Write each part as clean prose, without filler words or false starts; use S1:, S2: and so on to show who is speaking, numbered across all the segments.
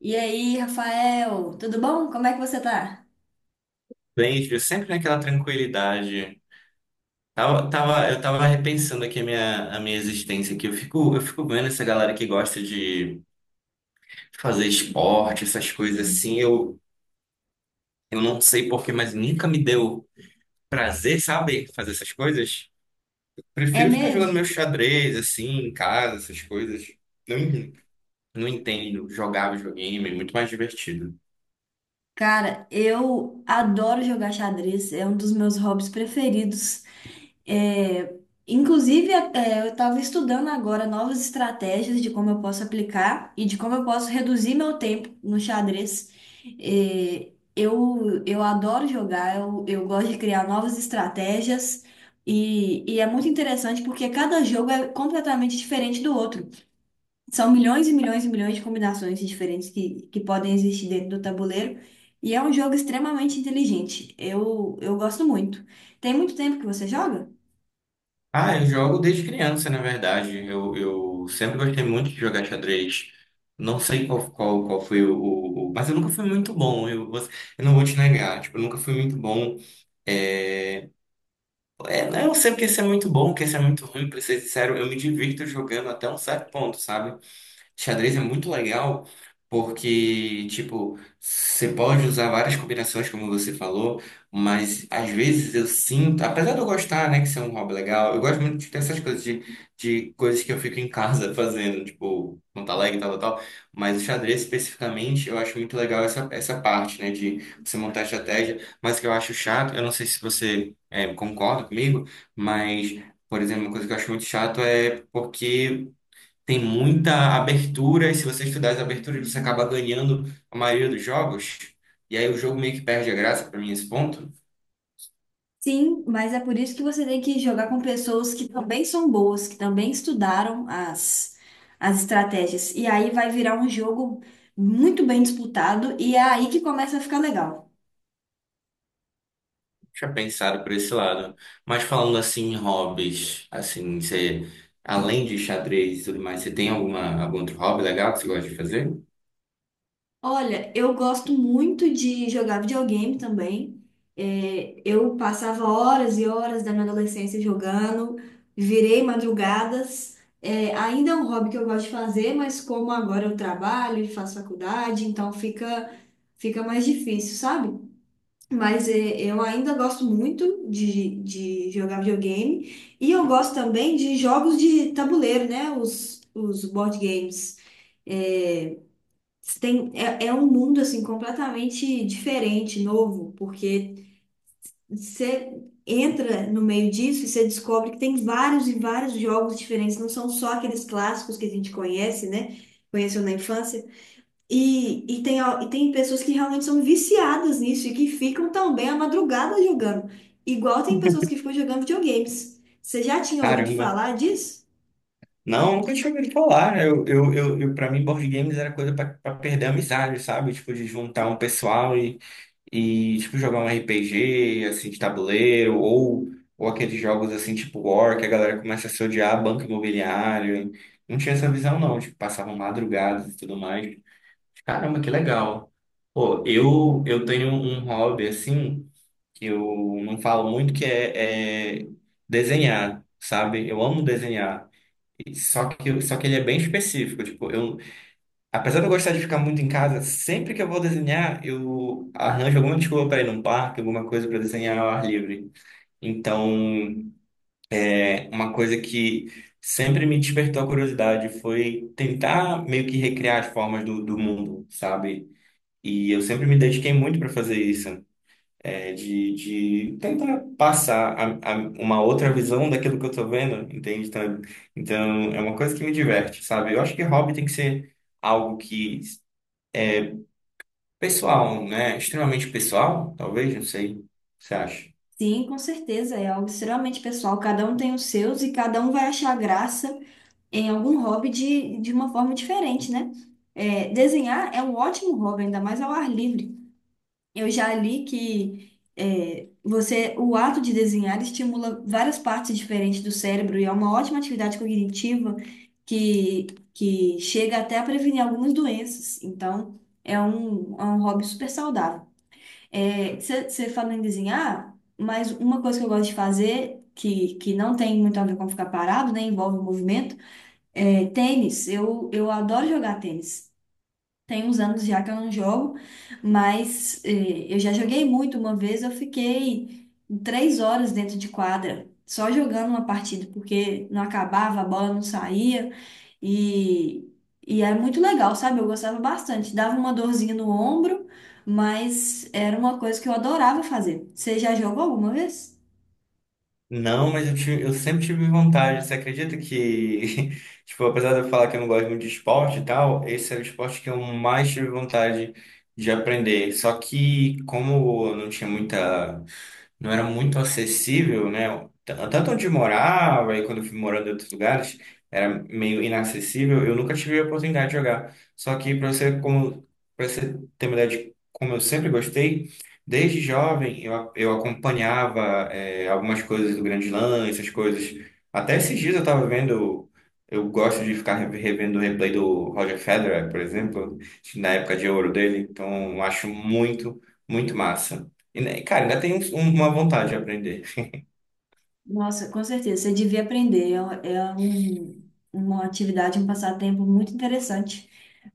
S1: E aí, Rafael, tudo bom? Como é que você tá?
S2: Bem, Ju, sempre naquela tranquilidade. Eu tava repensando aqui a minha existência aqui. Eu fico vendo essa galera que gosta de fazer esporte, essas coisas assim. Eu não sei porquê, mas nunca me deu prazer, sabe, fazer essas coisas.
S1: É
S2: Prefiro ficar jogando meu
S1: mesmo?
S2: xadrez, assim, em casa, essas coisas. Não, não entendo, jogava videogame é muito mais divertido.
S1: Cara, eu adoro jogar xadrez, é um dos meus hobbies preferidos. É, inclusive, eu estava estudando agora novas estratégias de como eu posso aplicar e de como eu posso reduzir meu tempo no xadrez. Eu adoro jogar, eu gosto de criar novas estratégias e é muito interessante porque cada jogo é completamente diferente do outro. São milhões e milhões e milhões de combinações diferentes que podem existir dentro do tabuleiro. E é um jogo extremamente inteligente. Eu gosto muito. Tem muito tempo que você joga?
S2: Ah, eu jogo desde criança, na verdade. Eu sempre gostei muito de jogar xadrez. Não sei qual foi. Mas eu nunca fui muito bom. Eu não vou te negar. Tipo, eu nunca fui muito bom. É. É, eu não sei o que esse é muito bom, o que esse é muito ruim, pra ser sincero. Eu me divirto jogando até um certo ponto, sabe? Xadrez é muito legal porque, tipo, você pode usar várias combinações, como você falou, mas às vezes eu sinto, apesar de eu gostar, né, que isso é um hobby legal. Eu gosto muito de ter essas coisas, de coisas que eu fico em casa fazendo, tipo, montar Lego e tal, tal, tal. Mas o xadrez especificamente, eu acho muito legal essa, parte, né, de você montar estratégia. Mas o que eu acho chato, eu não sei se você concorda comigo, mas. Por exemplo, uma coisa que eu acho muito chato é porque tem muita abertura, e se você estudar as aberturas, você acaba ganhando a maioria dos jogos, e aí o jogo meio que perde a graça para mim nesse ponto.
S1: Sim, mas é por isso que você tem que jogar com pessoas que também são boas, que também estudaram as estratégias. E aí vai virar um jogo muito bem disputado, e é aí que começa a ficar legal.
S2: Tinha pensado por esse lado. Mas falando assim em hobbies, assim, você, além de xadrez e tudo mais, você tem alguma, algum outro hobby legal que você gosta de fazer?
S1: Olha, eu gosto muito de jogar videogame também. Eu passava horas e horas da minha adolescência jogando, virei madrugadas. É, ainda é um hobby que eu gosto de fazer, mas como agora eu trabalho e faço faculdade, então fica mais difícil, sabe? Mas é, eu ainda gosto muito de jogar videogame e eu gosto também de jogos de tabuleiro, né? Os board games. É, você tem, é um mundo assim completamente diferente, novo, porque você entra no meio disso e você descobre que tem vários e vários jogos diferentes, não são só aqueles clássicos que a gente conhece, né? Conheceu na infância. E tem pessoas que realmente são viciadas nisso e que ficam também à madrugada jogando. Igual tem pessoas que ficam jogando videogames. Você já tinha ouvido
S2: Caramba!
S1: falar disso?
S2: Não, nunca tinha ouvido falar. Para mim, board games era coisa para perder a amizade, sabe? Tipo, de juntar um pessoal e tipo jogar um RPG assim de tabuleiro, ou aqueles jogos assim tipo War que a galera começa a se odiar, banco imobiliário. Não tinha essa visão não, tipo, passavam madrugadas e tudo mais. Caramba, que legal. Pô, eu tenho um hobby assim que eu não falo muito, que é desenhar, sabe? Eu amo desenhar. Só que ele é bem específico. Tipo, apesar de eu gostar de ficar muito em casa, sempre que eu vou desenhar, eu arranjo alguma desculpa para ir num parque, alguma coisa para desenhar ao ar livre. Então, é uma coisa que sempre me despertou a curiosidade, foi tentar meio que recriar as formas do mundo, sabe? E eu sempre me dediquei muito para fazer isso, de tentar passar uma outra visão daquilo que eu tô vendo, entende? Então, é uma coisa que me diverte, sabe? Eu acho que hobby tem que ser algo que é, Pessoal, né? Extremamente pessoal, talvez, não sei. O que você acha?
S1: Sim, com certeza, é algo extremamente pessoal. Cada um tem os seus e cada um vai achar graça em algum hobby de uma forma diferente, né? É, desenhar é um ótimo hobby, ainda mais ao ar livre. Eu já li que você, o ato de desenhar estimula várias partes diferentes do cérebro e é uma ótima atividade cognitiva que, que chega até a prevenir algumas doenças. Então, é um hobby super saudável. Você falando em desenhar, mas uma coisa que eu gosto de fazer, que não tem muito a ver com ficar parado, né? Envolve o movimento. É, tênis, eu adoro jogar tênis. Tem uns anos já que eu não jogo, mas é, eu já joguei muito. Uma vez eu fiquei 3 horas dentro de quadra, só jogando uma partida, porque não acabava, a bola não saía. E, e era muito legal, sabe? Eu gostava bastante. Dava uma dorzinha no ombro, mas era uma coisa que eu adorava fazer. Você já jogou alguma vez?
S2: Não, mas eu sempre tive vontade. Você acredita que, tipo, apesar de eu falar que eu não gosto muito de esporte e tal, esse é o esporte que eu mais tive vontade de aprender. Só que, como eu não tinha muita. Não era muito acessível, né? Tanto onde eu morava, e quando eu fui morando em outros lugares, era meio inacessível. Eu nunca tive a oportunidade de jogar. Só que, para você ter uma ideia de como eu sempre gostei. Desde jovem eu acompanhava, algumas coisas do Grande Lã, essas coisas. Até esses dias eu estava vendo. Eu gosto de ficar revendo o replay do Roger Federer, por exemplo, na época de ouro dele. Então eu acho muito, muito massa. E, né, cara, ainda tem uma vontade de aprender.
S1: Nossa, com certeza, você devia aprender. É uma atividade, um passatempo muito interessante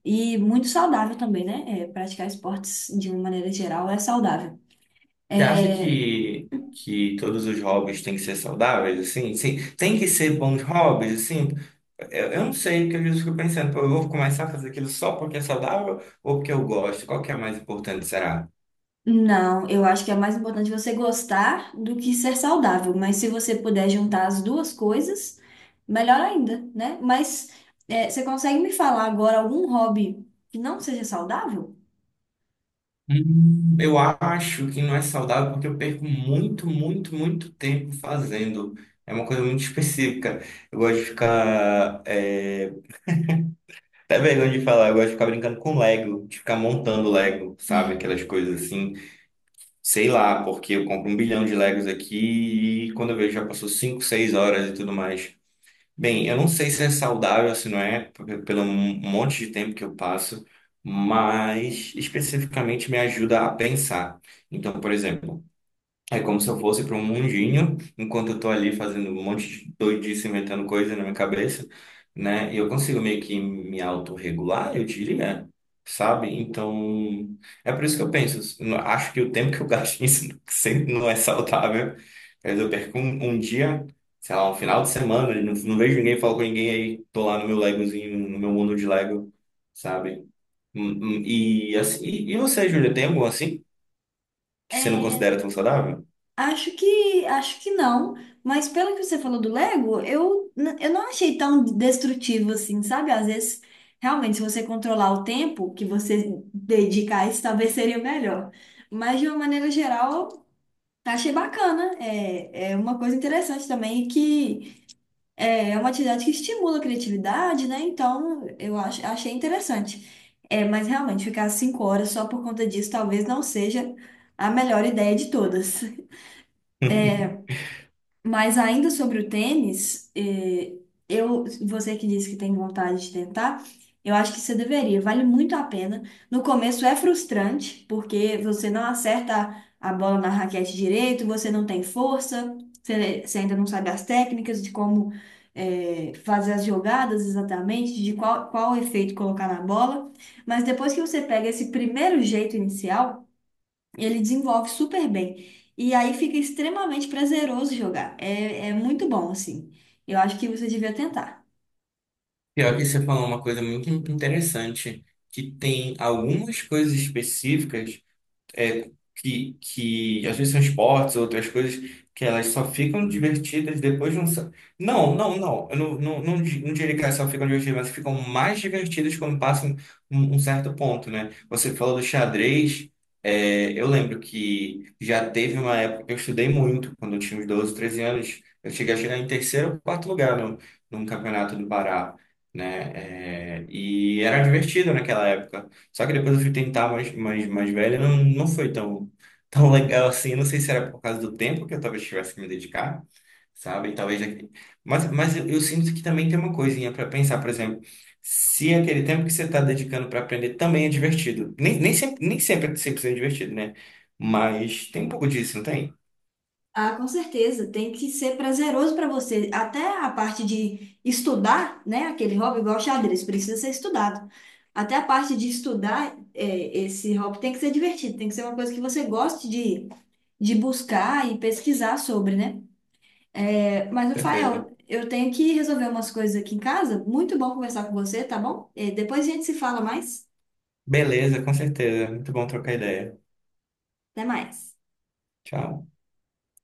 S1: e muito saudável também, né? É, praticar esportes de uma maneira geral é saudável.
S2: Você acha
S1: É,
S2: que todos os hobbies têm que ser saudáveis, assim? Sim, tem que ser bons hobbies, assim? Eu não sei, porque às vezes eu fico pensando, pô, eu vou começar a fazer aquilo só porque é saudável ou porque eu gosto? Qual que é a mais importante, será?
S1: não, eu acho que é mais importante você gostar do que ser saudável, mas se você puder juntar as duas coisas, melhor ainda, né? Mas é, você consegue me falar agora algum hobby que não seja saudável?
S2: Eu acho que não é saudável porque eu perco muito, muito, muito tempo fazendo. É uma coisa muito específica. Eu gosto de ficar. Até vergonha de falar, eu gosto de ficar brincando com Lego, de ficar montando Lego, sabe? Aquelas coisas assim. Sei lá, porque eu compro 1 bilhão de Legos aqui, e quando eu vejo já passou 5, 6 horas e tudo mais. Bem, eu não sei se é saudável, se não é, porque pelo monte de tempo que eu passo, mas especificamente me ajuda a pensar. Então, por exemplo, é como se eu fosse para um mundinho, enquanto eu tô ali fazendo um monte de doidice, inventando coisa na minha cabeça, né? E eu consigo meio que me autorregular, eu diria, sabe? Então, é por isso que eu penso, eu acho que o tempo que eu gasto nisso sempre não é saudável. Às vezes eu perco um dia, sei lá, um final de semana, não, não vejo ninguém, falo com ninguém, aí tô lá no meu Legozinho, no meu mundo de Lego, sabe? Hum, E, assim, e você, Júlia, tem algum assim que você não
S1: É,
S2: considera tão saudável?
S1: acho acho que não, mas pelo que você falou do Lego, eu não achei tão destrutivo assim, sabe? Às vezes, realmente, se você controlar o tempo que você dedica a isso, talvez seria melhor. Mas, de uma maneira geral, achei bacana. É, é uma coisa interessante também que. É uma atividade que estimula a criatividade, né? Então, achei interessante. É, mas, realmente, ficar 5 horas só por conta disso talvez não seja a melhor ideia de todas. Mas ainda sobre o tênis, eu, você que disse que tem vontade de tentar, eu acho que você deveria, vale muito a pena. No começo é frustrante, porque você não acerta a bola na raquete direito, você não tem força, você ainda não sabe as técnicas de como, fazer as jogadas exatamente, de qual efeito colocar na bola. Mas depois que você pega esse primeiro jeito inicial, e ele desenvolve super bem. E aí fica extremamente prazeroso jogar. É, é muito bom, assim. Eu acho que você devia tentar.
S2: Pior que você falou uma coisa muito interessante, que tem algumas coisas específicas, é, que às vezes são esportes, outras coisas, que elas só ficam divertidas depois de um. Não, não, não. Eu não, não, não, não diria que elas só ficam divertidas, mas ficam mais divertidas quando passam um certo ponto, né? Você falou do xadrez. Eu lembro que já teve uma época que eu estudei muito, quando eu tinha uns 12, 13 anos. Eu cheguei a chegar em terceiro ou quarto lugar no, num campeonato do Pará, né? É, e era divertido naquela época. Só que depois eu fui tentar mais, mais, mais velha, não foi tão, tão legal assim. Eu não sei se era por causa do tempo que eu talvez tivesse que me dedicar, sabe? E talvez. Mas, eu sinto que também tem uma coisinha para pensar, por exemplo, se é aquele tempo que você está dedicando para aprender também é divertido. Nem sempre, nem sempre é 100% divertido, né? Mas tem um pouco disso, não tem?
S1: Ah, com certeza, tem que ser prazeroso para você. Até a parte de estudar, né? Aquele hobby igual xadrez, precisa ser estudado. Até a parte de estudar, é, esse hobby tem que ser divertido, tem que ser uma coisa que você goste de buscar e pesquisar sobre, né? É, mas,
S2: Certeza.
S1: Rafael, eu tenho que resolver umas coisas aqui em casa. Muito bom conversar com você, tá bom? É, depois a gente se fala mais.
S2: Beleza, com certeza. Muito bom trocar ideia.
S1: Até mais.
S2: Tchau.